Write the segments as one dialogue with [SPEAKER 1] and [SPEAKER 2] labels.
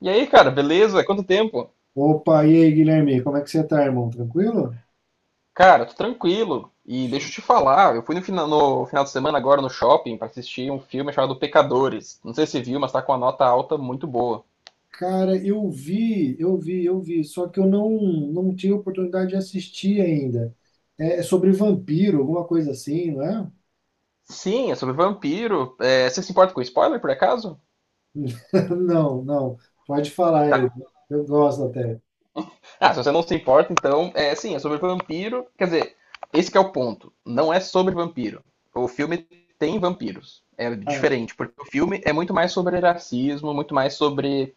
[SPEAKER 1] E aí, cara, beleza? Quanto tempo?
[SPEAKER 2] Opa, e aí, Guilherme, como é que você tá, irmão? Tranquilo?
[SPEAKER 1] Cara, tô tranquilo. E deixa eu te falar, eu fui no final de semana agora no shopping pra assistir um filme chamado Pecadores. Não sei se você viu, mas tá com uma nota alta muito boa.
[SPEAKER 2] Cara, eu vi, só que eu não tive oportunidade de assistir ainda. É sobre vampiro, alguma coisa assim, não é?
[SPEAKER 1] Sim, é sobre vampiro. Você se importa com spoiler, por acaso?
[SPEAKER 2] Não, não, pode falar
[SPEAKER 1] Tá.
[SPEAKER 2] aí, eu gosto até.
[SPEAKER 1] Ah, se você não se importa, então, sim, é sobre vampiro. Quer dizer, esse que é o ponto. Não é sobre vampiro. O filme tem vampiros. É
[SPEAKER 2] Ah,
[SPEAKER 1] diferente, porque o filme é muito mais sobre racismo, muito mais sobre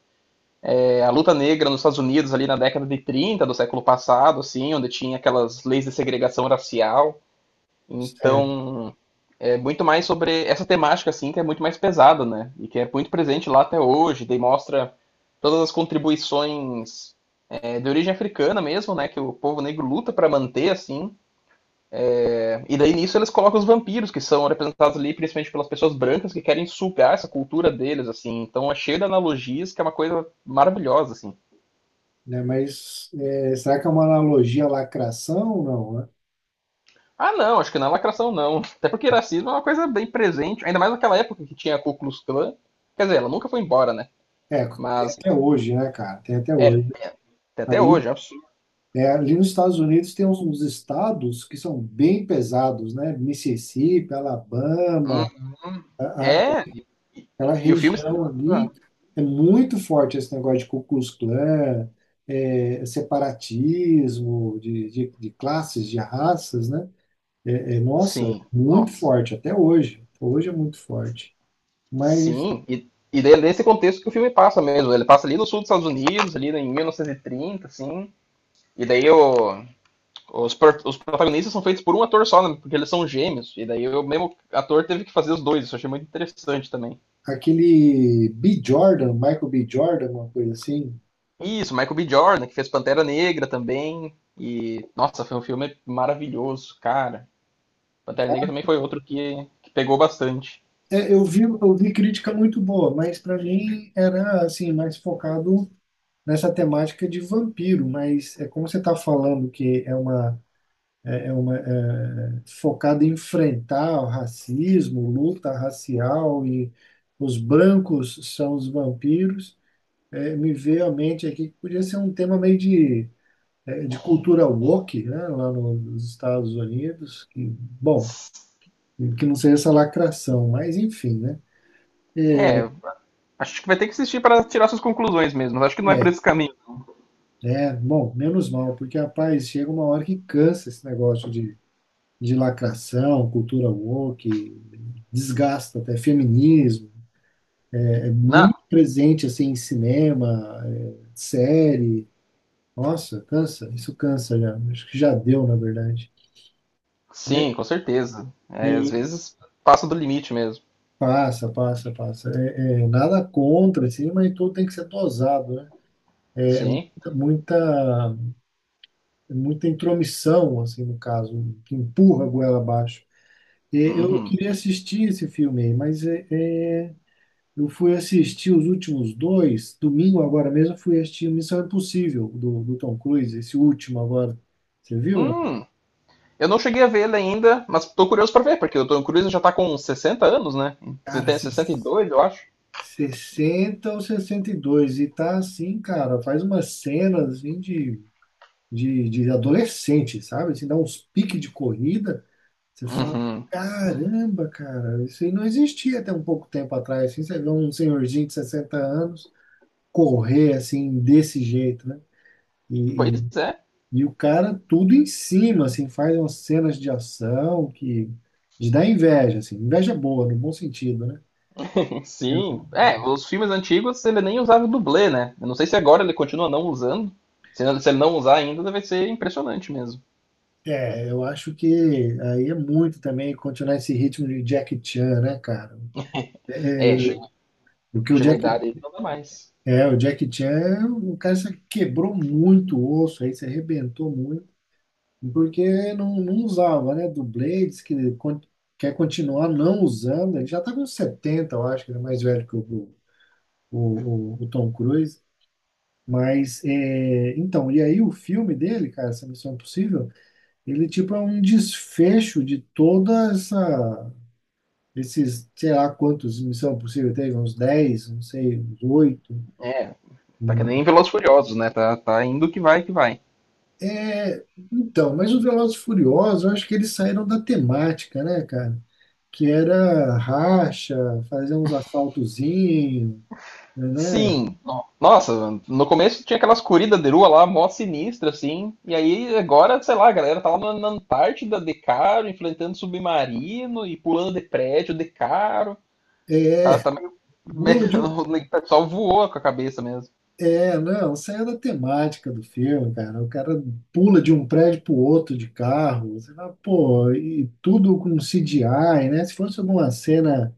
[SPEAKER 1] A luta negra nos Estados Unidos ali na década de 30 do século passado, assim, onde tinha aquelas leis de segregação racial.
[SPEAKER 2] certo,
[SPEAKER 1] Então, é muito mais sobre essa temática, assim, que é muito mais pesada, né? E que é muito presente lá até hoje. Daí mostra todas as contribuições de origem africana mesmo, né? Que o povo negro luta para manter, assim. E daí nisso eles colocam os vampiros, que são representados ali principalmente pelas pessoas brancas que querem sugar essa cultura deles, assim. Então é cheio de analogias, que é uma coisa maravilhosa, assim.
[SPEAKER 2] né? Mas será que é uma analogia à lacração? Não, né?
[SPEAKER 1] Ah, não, acho que na lacração não. Até porque racismo é uma coisa bem presente, ainda mais naquela época que tinha a Ku Klux Klan. Quer dizer, ela nunca foi embora, né?
[SPEAKER 2] É, tem
[SPEAKER 1] Mas
[SPEAKER 2] até hoje, né, cara? Tem até hoje.
[SPEAKER 1] tem até
[SPEAKER 2] Ali
[SPEAKER 1] hoje, é um absurdo.
[SPEAKER 2] É, ali nos Estados Unidos tem uns estados que são bem pesados, né? Mississippi,
[SPEAKER 1] Hum,
[SPEAKER 2] Alabama, a- a-
[SPEAKER 1] é,
[SPEAKER 2] aquela
[SPEAKER 1] e o filme se
[SPEAKER 2] região
[SPEAKER 1] passa.
[SPEAKER 2] ali é muito forte esse negócio de Ku Klux Klan, separatismo de classes, de raças, né? Nossa,
[SPEAKER 1] Sim,
[SPEAKER 2] muito
[SPEAKER 1] nossa.
[SPEAKER 2] forte até hoje. Hoje é muito forte. Mas
[SPEAKER 1] Sim, e daí é nesse contexto que o filme passa mesmo. Ele passa ali no sul dos Estados Unidos, ali em 1930, assim. E daí os protagonistas são feitos por um ator só, né? Porque eles são gêmeos. E daí o mesmo ator teve que fazer os dois. Isso eu achei muito interessante também.
[SPEAKER 2] Michael B. Jordan, uma coisa assim.
[SPEAKER 1] Isso, Michael B. Jordan, que fez Pantera Negra também. E, nossa, foi um filme maravilhoso, cara. Pantera Negra também foi outro que pegou bastante.
[SPEAKER 2] É, eu vi crítica muito boa, mas para mim era assim mais focado nessa temática de vampiro. Mas é como você está falando que é uma focada em enfrentar o racismo, luta racial e os brancos são os vampiros. Me veio à mente aqui que podia ser um tema meio de cultura woke, né, lá nos Estados Unidos. Que, bom, que não seja essa lacração, mas enfim, né? É,
[SPEAKER 1] É, Acho que vai ter que assistir para tirar suas conclusões mesmo. Mas acho que não é por
[SPEAKER 2] é,
[SPEAKER 1] esse caminho.
[SPEAKER 2] bom, menos mal, porque, rapaz, chega uma hora que cansa esse negócio de lacração, cultura woke, desgasta até feminismo. É,
[SPEAKER 1] Não,
[SPEAKER 2] muito presente, assim, em cinema, série. Nossa, cansa, isso cansa já. Acho que já deu, na verdade. É,
[SPEAKER 1] sim, com certeza. É, às
[SPEAKER 2] é,
[SPEAKER 1] vezes passa do limite mesmo.
[SPEAKER 2] Passa, passa, passa. Nada contra, assim, mas tudo tem que ser dosado, né? É,
[SPEAKER 1] Sim.
[SPEAKER 2] muita, muita muita intromissão, assim, no caso, que empurra a goela abaixo. É, eu
[SPEAKER 1] Uhum.
[SPEAKER 2] queria assistir esse filme, mas é, eu fui assistir os últimos dois, domingo agora mesmo, eu fui assistir Missão Impossível, do Tom Cruise, esse último agora. Você viu, não?
[SPEAKER 1] Hum, eu não cheguei a ver ele ainda, mas tô curioso para ver, porque o Tom Cruise já tá com 60 anos, né? Você
[SPEAKER 2] Cara,
[SPEAKER 1] tem 62, eu acho.
[SPEAKER 2] 60 ou 62 e tá assim, cara, faz umas cenas assim, de adolescente, sabe? Assim, dá uns piques de corrida, você fala,
[SPEAKER 1] Uhum.
[SPEAKER 2] caramba, cara, isso aí não existia até um pouco tempo atrás, assim, você vê um senhorzinho de 60 anos, correr assim desse jeito, né? E, e,
[SPEAKER 1] Pois é.
[SPEAKER 2] e o cara tudo em cima, assim, faz umas cenas de ação que de dar inveja, assim, inveja boa, no bom sentido, né?
[SPEAKER 1] Sim,
[SPEAKER 2] Eu-
[SPEAKER 1] os filmes antigos ele nem usava dublê, né? Eu não sei se agora ele continua não usando. Se ele se ele não usar ainda, vai ser impressionante mesmo.
[SPEAKER 2] eu acho que aí é muito também continuar esse ritmo de Jack Chan, né, cara?
[SPEAKER 1] É,
[SPEAKER 2] É,
[SPEAKER 1] chega,
[SPEAKER 2] Porque
[SPEAKER 1] chega uma idade aí que não dá mais.
[SPEAKER 2] O Jack Chan, o cara se quebrou muito o osso aí, se arrebentou muito. Porque não usava, né? Do Blades, que quer continuar não usando, ele já tá com 70 eu acho, que ele é mais velho que o Tom Cruise. Mas, então, e aí o filme dele, cara, essa Missão Impossível, ele tipo é um desfecho de toda essa, esses, sei lá quantos Missão Impossível teve, uns 10 não sei, uns 8.
[SPEAKER 1] É, tá que nem Velozes e Furiosos, né? Tá, tá indo que vai, que vai.
[SPEAKER 2] É, então, mas o Velozes e Furiosos, eu acho que eles saíram da temática, né, cara? Que era racha, fazer uns assaltozinhos, né?
[SPEAKER 1] Sim, nossa, no começo tinha aquelas corridas de rua lá, mó sinistra, assim. E aí agora, sei lá, a galera tá lá na, na Antártida de caro, enfrentando submarino e pulando de prédio de caro. Tá,
[SPEAKER 2] É,
[SPEAKER 1] tá meio... meio,
[SPEAKER 2] pula de um...
[SPEAKER 1] o pessoal voou com a cabeça mesmo.
[SPEAKER 2] É, não, saiu da temática do filme, cara. O cara pula de um prédio pro outro de carro. Você fala, pô, e tudo com CGI, né? Se fosse alguma cena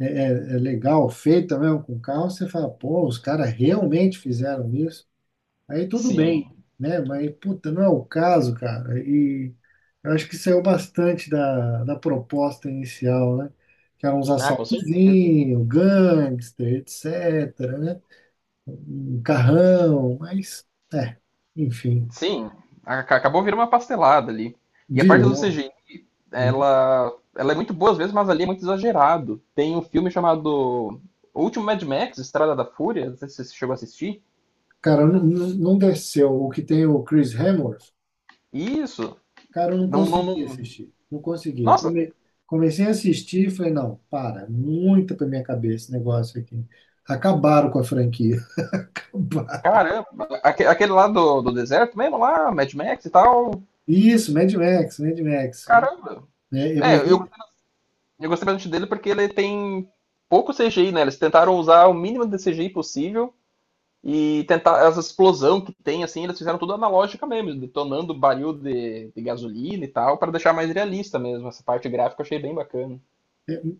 [SPEAKER 2] é, é, é legal, feita mesmo com carro, você fala, pô, os caras realmente fizeram isso. Aí tudo bem,
[SPEAKER 1] Sim.
[SPEAKER 2] né? Mas, puta, não é o caso, cara. E eu acho que saiu bastante da proposta inicial, né? Que eram uns
[SPEAKER 1] Ah, com certeza.
[SPEAKER 2] assaltozinhos, gangster, etc, né? Um carrão, mas, é, enfim,
[SPEAKER 1] Sim. A- Acabou virando uma pastelada ali. E a parte do
[SPEAKER 2] virou.
[SPEAKER 1] CGI, ela, ela é muito boa às vezes, mas ali é muito exagerado. Tem um filme chamado O Último Mad Max, Estrada da Fúria, não sei se você chegou a assistir.
[SPEAKER 2] Cara, não, não desceu. O que tem o Chris Hemsworth,
[SPEAKER 1] Isso.
[SPEAKER 2] cara, eu não
[SPEAKER 1] Não, não,
[SPEAKER 2] consegui assistir. Não consegui.
[SPEAKER 1] nossa,
[SPEAKER 2] Comecei a assistir e falei, não, para, muito pra minha cabeça esse negócio aqui. Acabaram com a franquia.
[SPEAKER 1] caramba. Aquele lá do, do deserto mesmo, lá, Mad Max e tal.
[SPEAKER 2] Isso, Mad Max, Mad Max.
[SPEAKER 1] Caramba.
[SPEAKER 2] É, é,
[SPEAKER 1] É,
[SPEAKER 2] mas,
[SPEAKER 1] eu, eu gostei bastante dele porque ele tem pouco CGI, né? Eles tentaram usar o mínimo de CGI possível e tentar essa explosão que tem, assim, eles fizeram tudo analógica mesmo, detonando baril de gasolina e tal, para deixar mais realista mesmo. Essa parte gráfica eu achei bem bacana.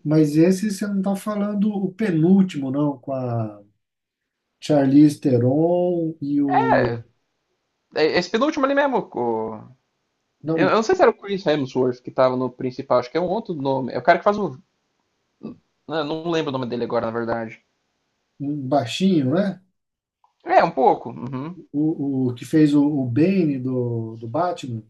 [SPEAKER 2] mas esse você não tá falando o penúltimo, não, com a Charlize Theron e o.
[SPEAKER 1] Esse penúltimo ali mesmo, o-
[SPEAKER 2] Não,
[SPEAKER 1] eu, eu
[SPEAKER 2] o
[SPEAKER 1] não sei se era o Chris Hemsworth que tava no principal, acho que é um outro nome. É o cara que faz o. Não, não lembro o nome dele agora, na verdade.
[SPEAKER 2] um baixinho, né?
[SPEAKER 1] É, um pouco. Uhum.
[SPEAKER 2] O que fez o Bane do Batman.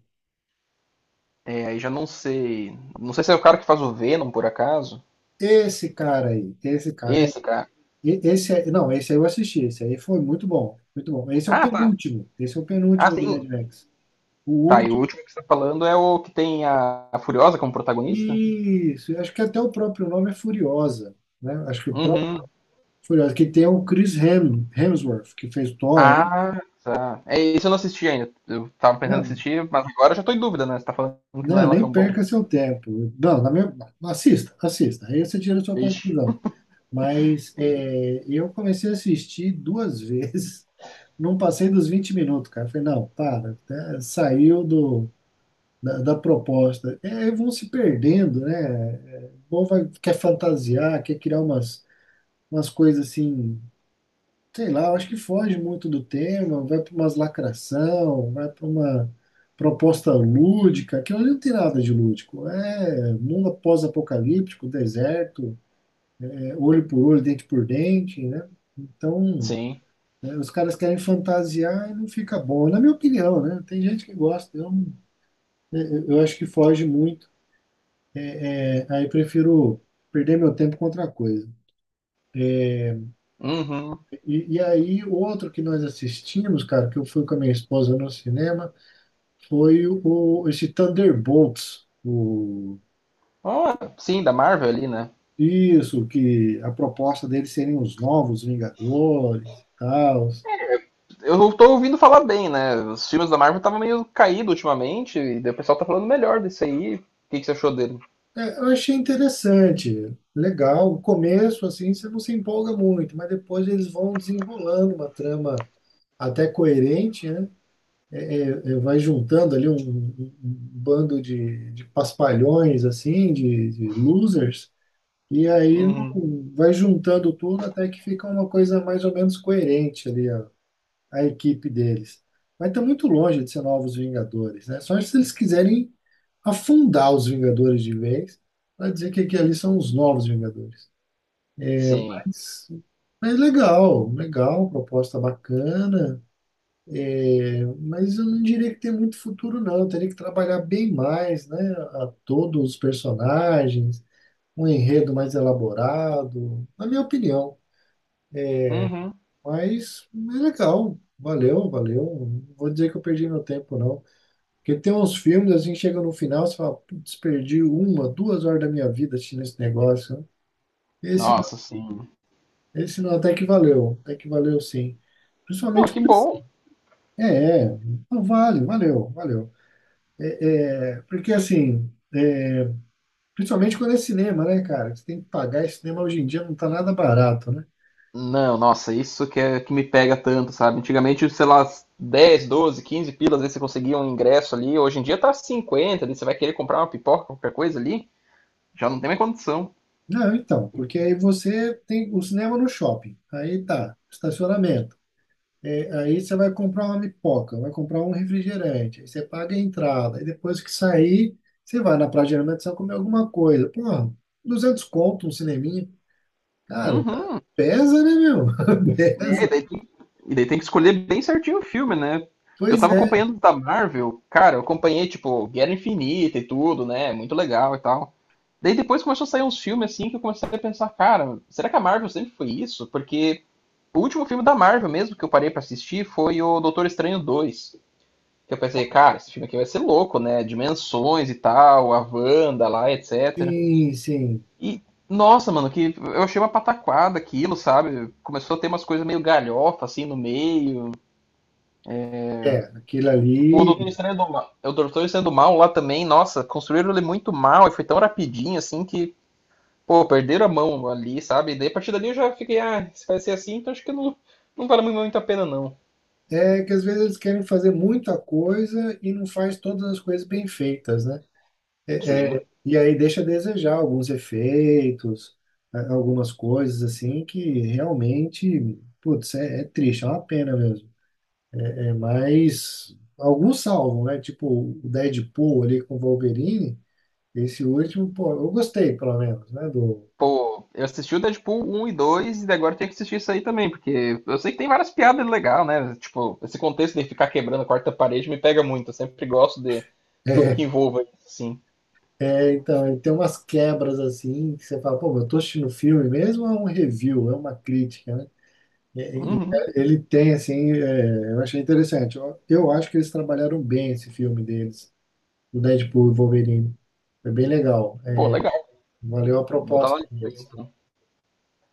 [SPEAKER 1] É, aí já não sei. Não sei se é o cara que faz o Venom, por acaso.
[SPEAKER 2] Esse cara aí, esse cara. é,
[SPEAKER 1] Esse cara.
[SPEAKER 2] e- esse é, não, esse aí eu assisti, esse aí foi muito bom, muito bom. Esse é o
[SPEAKER 1] Ah, tá.
[SPEAKER 2] penúltimo, esse é o
[SPEAKER 1] Ah,
[SPEAKER 2] penúltimo do Mad
[SPEAKER 1] sim.
[SPEAKER 2] Max. O
[SPEAKER 1] Tá, e o
[SPEAKER 2] último,
[SPEAKER 1] último que você tá falando é o que tem a Furiosa como protagonista?
[SPEAKER 2] isso, acho que até o próprio nome é Furiosa, né? Acho que o próprio
[SPEAKER 1] Uhum.
[SPEAKER 2] Furiosa, que tem o Chris Hemsworth, que fez Thor, né?
[SPEAKER 1] Ah, tá. É, isso eu não assisti ainda. Eu tava pensando em
[SPEAKER 2] Não,
[SPEAKER 1] assistir, mas agora eu já tô em dúvida, né? Você tá falando que não é
[SPEAKER 2] não,
[SPEAKER 1] lá
[SPEAKER 2] nem
[SPEAKER 1] tão bom?
[SPEAKER 2] perca seu tempo. Não, assista, assista. Aí você tira a sua
[SPEAKER 1] Vixe.
[SPEAKER 2] conclusão. Mas eu comecei a assistir duas vezes, não passei dos 20 minutos, cara. Falei, não, para, tá, saiu da proposta. É, aí vão se perdendo, né? É, o povo vai, quer fantasiar, quer criar umas coisas assim, sei lá, eu acho que foge muito do tema, vai para umas lacração, vai para uma proposta lúdica, aquilo ali não tem nada de lúdico. É mundo pós-apocalíptico, deserto, é olho por olho, dente por dente, né? Então,
[SPEAKER 1] Sim.
[SPEAKER 2] os caras querem fantasiar e não fica bom, na minha opinião, né? Tem gente que gosta, eu, eu acho que foge muito. É, aí prefiro perder meu tempo com outra coisa.
[SPEAKER 1] Uhum.
[SPEAKER 2] E aí, outro que nós assistimos, cara, que eu fui com a minha esposa no cinema, foi esse Thunderbolts,
[SPEAKER 1] Ah, sim, da Marvel ali, né?
[SPEAKER 2] isso, que a proposta deles serem os novos Vingadores e tal.
[SPEAKER 1] Eu tô ouvindo falar bem, né? Os filmes da Marvel estavam meio caídos ultimamente, e daí o pessoal tá falando melhor desse aí. O que que você achou dele?
[SPEAKER 2] É, eu achei interessante, legal. O começo, assim, você não se empolga muito, mas depois eles vão desenrolando uma trama até coerente, né? Vai juntando ali um bando de paspalhões, assim, de losers, e aí
[SPEAKER 1] Uhum.
[SPEAKER 2] vai juntando tudo até que fica uma coisa mais ou menos coerente ali, a equipe deles. Mas está muito longe de ser novos Vingadores, né? Só se eles quiserem afundar os Vingadores de vez, para dizer que aqui ali são os novos Vingadores.
[SPEAKER 1] Sim.
[SPEAKER 2] Mas, mas legal, legal, proposta bacana, mas eu não diria que tem muito futuro, não. Eu teria que trabalhar bem mais, né? A todos os personagens, um enredo mais elaborado, na minha opinião.
[SPEAKER 1] Uhum.
[SPEAKER 2] Mas é legal, valeu, valeu. Não vou dizer que eu perdi meu tempo, não. Porque tem uns filmes assim que chega no final, você fala, putz, perdi uma, 2 horas da minha vida assistindo esse negócio, né? Esse, não-
[SPEAKER 1] Nossa, sim.
[SPEAKER 2] Esse não, até que valeu sim.
[SPEAKER 1] Pô,
[SPEAKER 2] Principalmente
[SPEAKER 1] que
[SPEAKER 2] por esse-
[SPEAKER 1] bom.
[SPEAKER 2] É, é, não, vale, valeu, valeu. É, Porque assim, principalmente quando é cinema, né, cara? Você tem que pagar, e cinema hoje em dia não tá nada barato, né?
[SPEAKER 1] Não, nossa, isso que é que me pega tanto, sabe? Antigamente, sei lá, 10, 12, 15 pilas, às vezes você conseguia um ingresso ali. Hoje em dia tá 50, ali, você vai querer comprar uma pipoca, qualquer coisa ali, já não tem mais condição.
[SPEAKER 2] Não, então, porque aí você tem o cinema no shopping, aí tá, estacionamento. É, aí você vai comprar uma pipoca, vai comprar um refrigerante, aí você paga a entrada, aí depois que sair, você vai na Praia de Alimentação só comer alguma coisa. Pô, 200 conto, um cineminha. Cara,
[SPEAKER 1] Uhum.
[SPEAKER 2] pesa, né, meu?
[SPEAKER 1] É,
[SPEAKER 2] Pesa.
[SPEAKER 1] e daí tem que escolher bem certinho o filme, né? Eu
[SPEAKER 2] Pois
[SPEAKER 1] tava
[SPEAKER 2] é,
[SPEAKER 1] acompanhando da Marvel, cara, eu acompanhei, tipo, Guerra Infinita e tudo, né? Muito legal e tal. Daí depois começou a sair uns filmes assim que eu comecei a pensar, cara, será que a Marvel sempre foi isso? Porque o último filme da Marvel mesmo que eu parei pra assistir foi o Doutor Estranho 2. Que eu pensei, cara, esse filme aqui vai ser louco, né? Dimensões e tal, a Wanda lá, etc.
[SPEAKER 2] sim, sim.
[SPEAKER 1] E, nossa, mano, que eu achei uma pataquada aquilo, sabe? Começou a ter umas coisas meio galhofa, assim, no meio.
[SPEAKER 2] É, aquilo
[SPEAKER 1] O Doutor
[SPEAKER 2] ali
[SPEAKER 1] Estranho do Mal, o Doutor Estranho do Mal lá também, nossa, construíram ele muito mal e foi tão rapidinho, assim, que, pô, perderam a mão ali, sabe? E daí, a partir dali eu já fiquei, ah, se vai ser assim, então acho que não, não vale muito a pena, não.
[SPEAKER 2] é que às vezes eles querem fazer muita coisa e não faz todas as coisas bem feitas, né?
[SPEAKER 1] Sim.
[SPEAKER 2] E aí deixa a desejar alguns efeitos, algumas coisas assim que realmente, putz, é triste, é uma pena mesmo. É, mas alguns salvam, né? Tipo o Deadpool ali com o Wolverine, esse último, pô, eu gostei pelo menos, né?
[SPEAKER 1] Pô, eu assisti o Deadpool um e 2 e agora eu tenho que assistir isso aí também, porque eu sei que tem várias piadas legais, né? Tipo, esse contexto de ficar quebrando a quarta parede me pega muito. Eu sempre gosto de tudo que envolva isso, assim.
[SPEAKER 2] Então, ele tem umas quebras assim que você fala, pô, mas eu tô assistindo filme mesmo ou é um review, é uma crítica, né? E- e-
[SPEAKER 1] Uhum.
[SPEAKER 2] Ele tem, assim, eu achei interessante. Eu acho que eles trabalharam bem esse filme deles, do Deadpool e Wolverine. Foi bem legal.
[SPEAKER 1] Pô,
[SPEAKER 2] É,
[SPEAKER 1] legal.
[SPEAKER 2] valeu a
[SPEAKER 1] Vou botar na
[SPEAKER 2] proposta
[SPEAKER 1] lista aí,
[SPEAKER 2] deles.
[SPEAKER 1] então.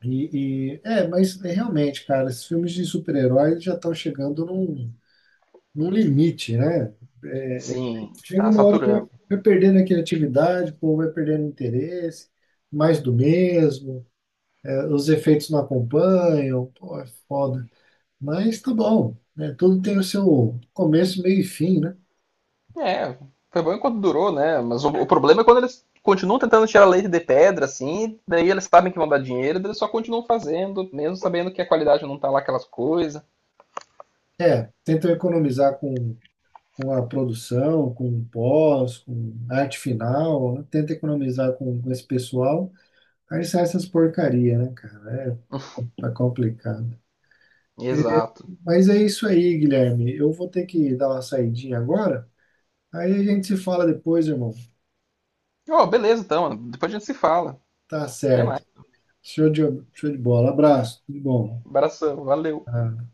[SPEAKER 2] Realmente, cara, esses filmes de super-heróis já estão chegando num limite, né? É, é,
[SPEAKER 1] Sim,
[SPEAKER 2] Chega
[SPEAKER 1] tá
[SPEAKER 2] uma hora que vai,
[SPEAKER 1] saturando.
[SPEAKER 2] vai perdendo a criatividade, o povo vai perdendo o interesse, mais do mesmo, os efeitos não acompanham. Pô, é foda. Mas tá bom, né? Tudo tem o seu começo, meio e fim, né?
[SPEAKER 1] É, foi bom enquanto durou, né? Mas o problema é quando eles continuam tentando tirar leite de pedra, assim, daí eles sabem que vão dar dinheiro, daí eles só continuam fazendo, mesmo sabendo que a qualidade não tá lá aquelas coisas.
[SPEAKER 2] É, tentam economizar com a produção, com o pós, com a arte final, né? Tenta economizar com esse pessoal, aí sai essas porcaria, né, cara? Tá complicado. É,
[SPEAKER 1] Exato.
[SPEAKER 2] Mas é isso aí, Guilherme. Eu vou ter que dar uma saidinha agora, aí a gente se fala depois, irmão.
[SPEAKER 1] Ó, beleza, então. Depois a gente se fala.
[SPEAKER 2] Tá
[SPEAKER 1] Até mais.
[SPEAKER 2] certo. Show de, show de bola. Abraço, tudo bom.
[SPEAKER 1] Abração, valeu.
[SPEAKER 2] Ah,